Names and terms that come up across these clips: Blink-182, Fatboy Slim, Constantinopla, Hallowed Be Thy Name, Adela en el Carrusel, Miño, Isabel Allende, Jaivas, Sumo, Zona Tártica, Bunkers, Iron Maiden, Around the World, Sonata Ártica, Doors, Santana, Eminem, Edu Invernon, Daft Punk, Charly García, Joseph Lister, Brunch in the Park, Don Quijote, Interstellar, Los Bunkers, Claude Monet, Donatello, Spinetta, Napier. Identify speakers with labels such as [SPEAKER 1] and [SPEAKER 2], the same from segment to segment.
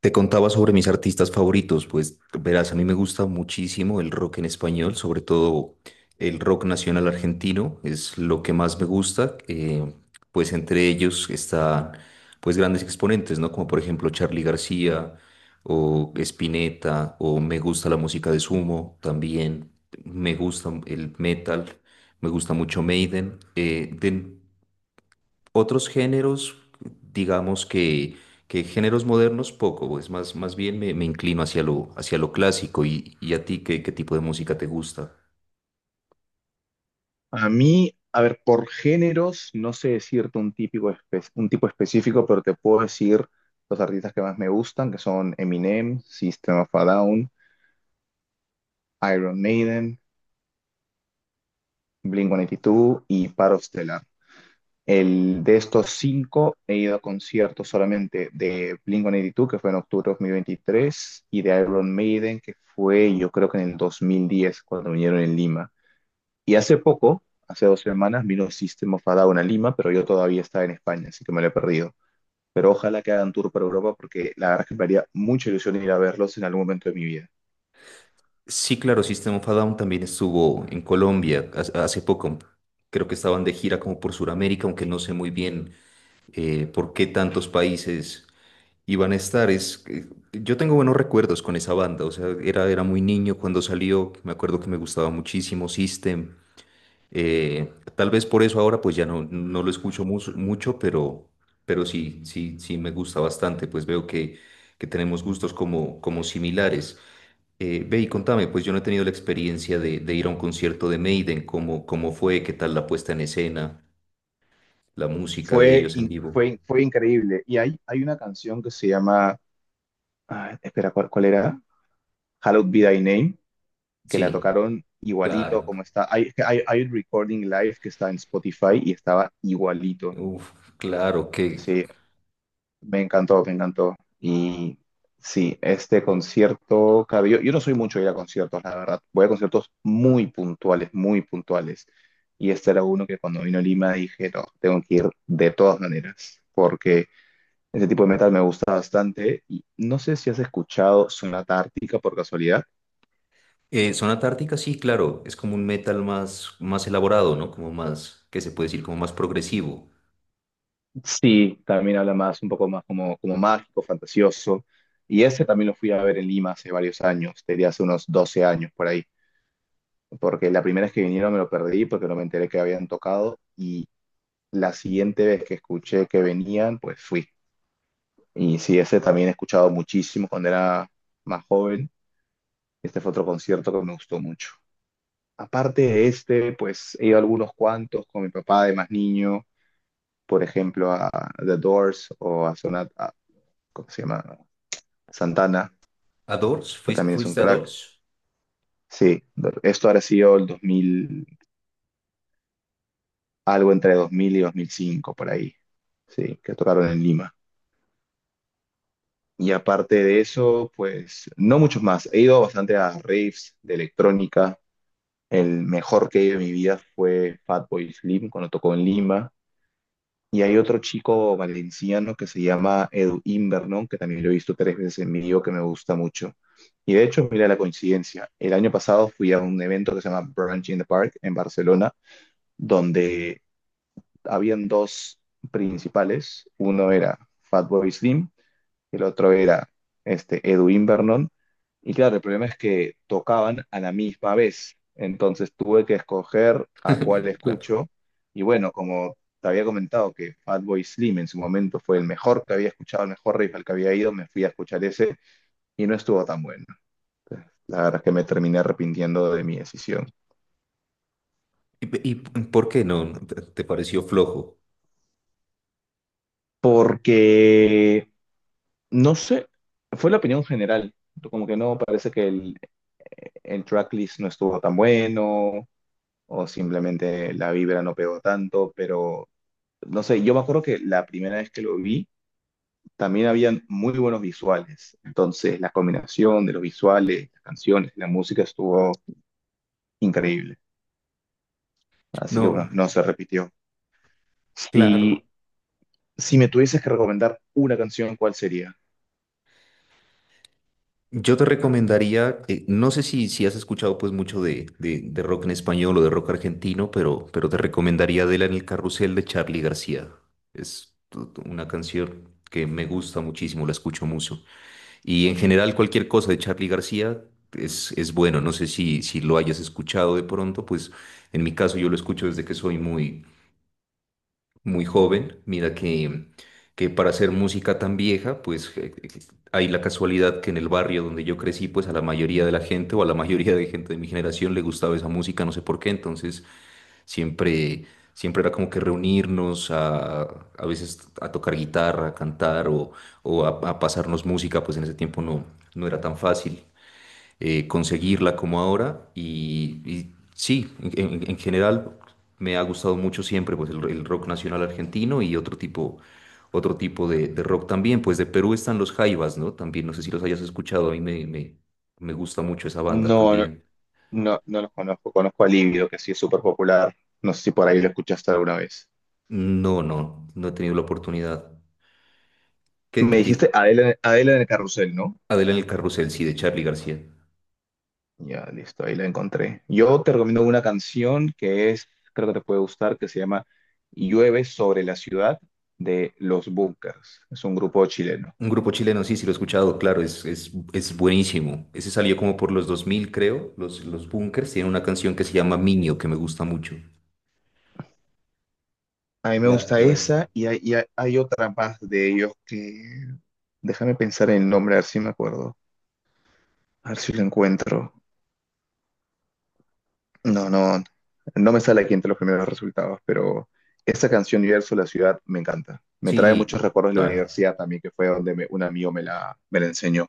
[SPEAKER 1] Te contaba sobre mis artistas favoritos, pues verás, a mí me gusta muchísimo el rock en español, sobre todo el rock nacional argentino, es lo que más me gusta, pues entre ellos están pues grandes exponentes, ¿no? Como por ejemplo Charly García o Spinetta o me gusta la música de Sumo también, me gusta el metal, me gusta mucho Maiden, otros géneros, digamos que géneros modernos, poco, pues más, más bien me inclino hacia lo clásico. ¿Y a ti qué, qué tipo de música te gusta?
[SPEAKER 2] A mí, a ver, por géneros, no sé decirte un tipo específico, pero te puedo decir los artistas que más me gustan, que son Eminem, System of a Down, Iron Maiden, Blink-182 y dos y Paro Stellar. El, de estos cinco he ido a conciertos solamente de Blink-182, que fue en octubre de 2023, y de Iron Maiden, que fue yo creo que en el 2010 cuando vinieron en Lima. Y hace poco, hace 2 semanas, vino System of a Down a Lima, pero yo todavía estaba en España, así que me lo he perdido. Pero ojalá que hagan tour por Europa porque la verdad es que me haría mucha ilusión ir a verlos en algún momento de mi vida.
[SPEAKER 1] Sí, claro, System of a Down también estuvo en Colombia hace poco. Creo que estaban de gira como por Sudamérica, aunque no sé muy bien por qué tantos países iban a estar. Es, que yo tengo buenos recuerdos con esa banda, o sea, era muy niño cuando salió, me acuerdo que me gustaba muchísimo System. Tal vez por eso ahora pues no lo escucho mucho, pero sí, sí, sí me gusta bastante, pues veo que tenemos gustos como, como similares. Ve y contame, pues yo no he tenido la experiencia de ir a un concierto de Maiden, ¿cómo, cómo fue? ¿Qué tal la puesta en escena? ¿La música de
[SPEAKER 2] Fue,
[SPEAKER 1] ellos en
[SPEAKER 2] in-
[SPEAKER 1] vivo?
[SPEAKER 2] fue, fue increíble. Y hay una canción que se llama, ah, espera, ¿cuál era? Hallowed Be Thy Name, que la
[SPEAKER 1] Sí,
[SPEAKER 2] tocaron igualito
[SPEAKER 1] claro.
[SPEAKER 2] como está. Hay un recording live que está en Spotify y estaba igualito.
[SPEAKER 1] Uf, claro que...
[SPEAKER 2] Sí. Me encantó, me encantó. Y sí, este concierto, claro, yo no soy mucho de ir a conciertos, la verdad. Voy a conciertos muy puntuales, muy puntuales. Y este era uno que cuando vino a Lima dije, no, tengo que ir de todas maneras, porque ese tipo de metal me gusta bastante. Y no sé si has escuchado Sonata Ártica por casualidad.
[SPEAKER 1] Zona Tártica, sí, claro, es como un metal más, más elaborado, ¿no? Como más, ¿qué se puede decir? Como más progresivo.
[SPEAKER 2] Sí, también habla más, un poco más como, como mágico, fantasioso. Y ese también lo fui a ver en Lima hace varios años, diría hace unos 12 años por ahí. Porque la primera vez que vinieron me lo perdí porque no me enteré que habían tocado y la siguiente vez que escuché que venían, pues fui. Y sí, ese también he escuchado muchísimo cuando era más joven. Este fue otro concierto que me gustó mucho. Aparte de este, pues he ido a algunos cuantos con mi papá de más niño, por ejemplo a The Doors o a Sonata, ¿cómo se llama? Santana,
[SPEAKER 1] ¿A Doors?
[SPEAKER 2] que
[SPEAKER 1] ¿Fuiste,
[SPEAKER 2] también es un
[SPEAKER 1] fuiste a
[SPEAKER 2] crack.
[SPEAKER 1] Doors?
[SPEAKER 2] Sí, esto ha sido el 2000, algo entre 2000 y 2005, por ahí, sí, que tocaron en Lima. Y aparte de eso, pues no muchos más. He ido bastante a raves de electrónica. El mejor que he ido en mi vida fue Fatboy Slim cuando tocó en Lima. Y hay otro chico valenciano que se llama Edu Invernon, que también lo he visto 3 veces en vivo, que me gusta mucho. Y de hecho, mira la coincidencia. El año pasado fui a un evento que se llama Brunch in the Park en Barcelona, donde habían dos principales. Uno era Fatboy Slim, el otro era este, Edwin Vernon. Y claro, el problema es que tocaban a la misma vez. Entonces tuve que escoger a cuál
[SPEAKER 1] Claro.
[SPEAKER 2] escucho. Y bueno, como te había comentado que Fatboy Slim en su momento fue el mejor que había escuchado, el mejor riff al que había ido, me fui a escuchar ese y no estuvo tan bueno. La verdad es que me terminé arrepintiendo de mi decisión.
[SPEAKER 1] ¿Y por qué no? ¿Te pareció flojo?
[SPEAKER 2] Porque no sé, fue la opinión general. Como que no parece que el tracklist no estuvo tan bueno o simplemente la vibra no pegó tanto, pero no sé, yo me acuerdo que la primera vez que lo vi también habían muy buenos visuales. Entonces la combinación de los visuales, las canciones, la música estuvo increíble. Así que
[SPEAKER 1] No,
[SPEAKER 2] bueno, no se repitió.
[SPEAKER 1] claro.
[SPEAKER 2] Si, si me tuvieses que recomendar una canción, ¿cuál sería?
[SPEAKER 1] Yo te recomendaría, no sé si, si has escuchado pues mucho de rock en español o de rock argentino, pero te recomendaría Adela en el Carrusel de Charly García. Es una canción que me gusta muchísimo, la escucho mucho. Y en general cualquier cosa de Charly García es bueno. No sé si, si lo hayas escuchado de pronto, pues en mi caso yo lo escucho desde que soy muy, muy joven. Mira que para hacer música tan vieja, pues hay la casualidad que en el barrio donde yo crecí, pues a la mayoría de la gente o a la mayoría de gente de mi generación le gustaba esa música, no sé por qué. Entonces siempre, siempre era como que reunirnos a veces a tocar guitarra, a cantar o, a pasarnos música, pues en ese tiempo no, no era tan fácil conseguirla como ahora. Y sí, en general me ha gustado mucho siempre pues, el rock nacional argentino y otro tipo de rock también. Pues de Perú están los Jaivas, ¿no? También, no sé si los hayas escuchado, a mí me gusta mucho esa banda
[SPEAKER 2] No,
[SPEAKER 1] también.
[SPEAKER 2] no, no los conozco. Conozco a Lívido, que sí es súper popular. No sé si por ahí lo escuchaste alguna vez.
[SPEAKER 1] No, no, no he tenido la oportunidad. ¿Qué,
[SPEAKER 2] Me
[SPEAKER 1] qué tipo?
[SPEAKER 2] dijiste Adela, Adela en el carrusel, ¿no?
[SPEAKER 1] Adela en el carrusel, sí, de Charly García.
[SPEAKER 2] Ya, listo, ahí la encontré. Yo te recomiendo una canción que es, creo que te puede gustar, que se llama Llueve sobre la ciudad de Los Bunkers. Es un grupo chileno.
[SPEAKER 1] Un grupo chileno, sí, sí lo he escuchado, claro, es buenísimo. Ese salió como por los 2000 creo, los Bunkers. Tiene una canción que se llama Miño, que me gusta mucho.
[SPEAKER 2] A mí me
[SPEAKER 1] La,
[SPEAKER 2] gusta
[SPEAKER 1] la-
[SPEAKER 2] esa y hay otra más de ellos que... Déjame pensar en el nombre, a ver si me acuerdo. A ver si lo encuentro. No, no, no me sale aquí entre los primeros resultados, pero esa canción Universo, la ciudad, me encanta. Me trae muchos
[SPEAKER 1] Sí,
[SPEAKER 2] recuerdos de la
[SPEAKER 1] claro.
[SPEAKER 2] universidad también, que fue donde un amigo me la enseñó.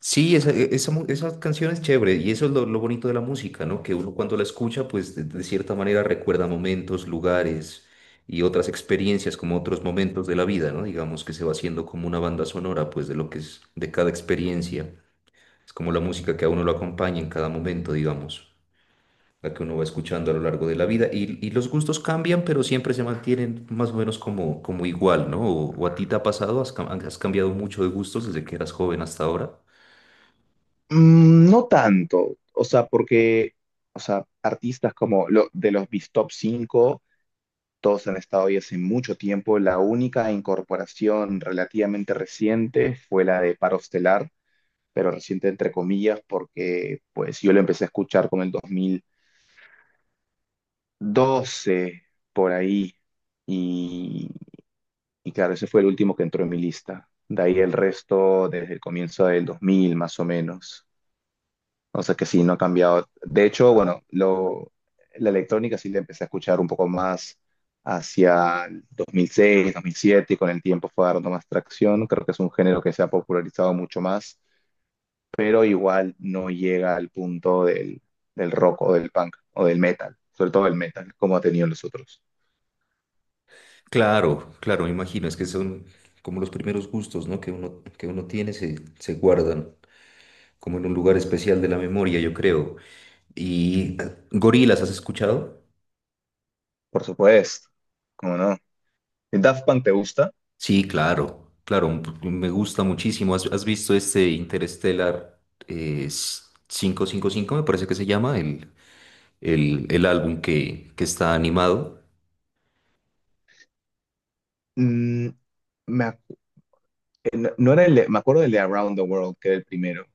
[SPEAKER 1] Sí, esa, e- esa, mu- esa canción es chévere y eso es lo bonito de la música, ¿no? Que uno cuando la escucha, pues de cierta manera recuerda momentos, lugares y otras experiencias, como otros momentos de la vida, ¿no? Digamos que se va haciendo como una banda sonora, pues de lo que es de cada experiencia. Es como la música que a uno lo acompaña en cada momento, digamos. La que uno va escuchando a lo largo de la vida. Y los gustos cambian, pero siempre se mantienen más o menos como, como igual, ¿no? O a ti te ha pasado, has cambiado mucho de gustos desde que eras joven hasta ahora.
[SPEAKER 2] Mm, no tanto, o sea, porque, o sea, artistas como lo, de los bis Top 5 todos han estado ahí hace mucho tiempo. La única incorporación relativamente reciente fue la de Paro Estelar, pero reciente entre comillas, porque pues yo lo empecé a escuchar como el 12 por ahí. Y, y claro, ese fue el último que entró en mi lista. De ahí el resto desde el comienzo del 2000 más o menos. O sea que sí, no ha cambiado. De hecho, bueno, la electrónica sí la empecé a escuchar un poco más hacia el 2006, 2007 y con el tiempo fue dando más tracción. Creo que es un género que se ha popularizado mucho más, pero igual no llega al punto del rock o del punk o del metal, sobre todo el metal, como ha tenido los otros.
[SPEAKER 1] Claro, claro, me imagino, es que son como los primeros gustos, ¿no? Que uno tiene, se guardan como en un lugar especial de la memoria, yo creo. Y gorilas, ¿has escuchado?
[SPEAKER 2] Por supuesto, ¿cómo no? ¿Y Daft Punk te gusta?
[SPEAKER 1] Sí, claro, claro, me gusta muchísimo. ¿Has visto este Interstellar quinientos cincuenta y cinco? Me parece que se llama el álbum que está animado.
[SPEAKER 2] Mm, me, ac- no no era me acuerdo del de Around the World, que era el primero.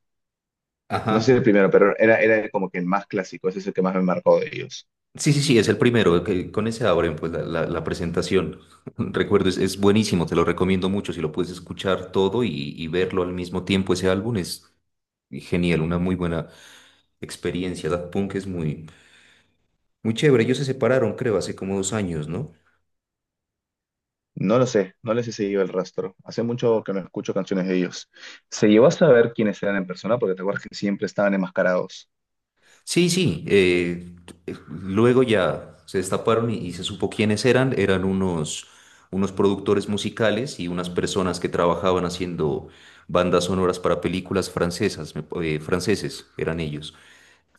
[SPEAKER 2] No sé si el
[SPEAKER 1] Ajá.
[SPEAKER 2] primero, pero era, era como que el más clásico, ese es el que más me marcó de ellos.
[SPEAKER 1] Sí, sí, sí, es el primero, que con ese abren pues la presentación. Recuerdo, es buenísimo, te lo recomiendo mucho, si lo puedes escuchar todo y verlo al mismo tiempo, ese álbum es genial, una muy buena experiencia. Daft Punk es muy, muy chévere, ellos se separaron creo hace como 2 años, ¿no?
[SPEAKER 2] No lo sé, no les he seguido el rastro. Hace mucho que no escucho canciones de ellos. ¿Se llevó a saber quiénes eran en persona? Porque te acuerdas que siempre estaban enmascarados.
[SPEAKER 1] Sí, sí. Luego ya se destaparon y se supo quiénes eran. Eran unos, unos productores musicales y unas personas que trabajaban haciendo bandas sonoras para películas francesas, franceses, eran ellos.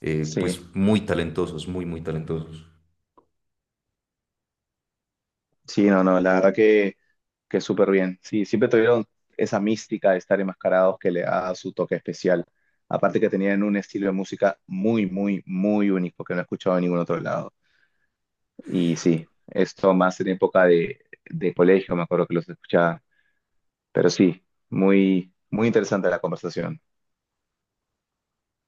[SPEAKER 1] Pues
[SPEAKER 2] Sí.
[SPEAKER 1] muy talentosos, muy, muy talentosos.
[SPEAKER 2] Sí, no, no, la verdad que súper bien. Sí, siempre tuvieron esa mística de estar enmascarados que le da su toque especial. Aparte que tenían un estilo de música muy, muy, muy único que no he escuchado en ningún otro lado. Y sí, esto más en época de colegio, me acuerdo que los escuchaba. Pero sí, muy, muy interesante la conversación.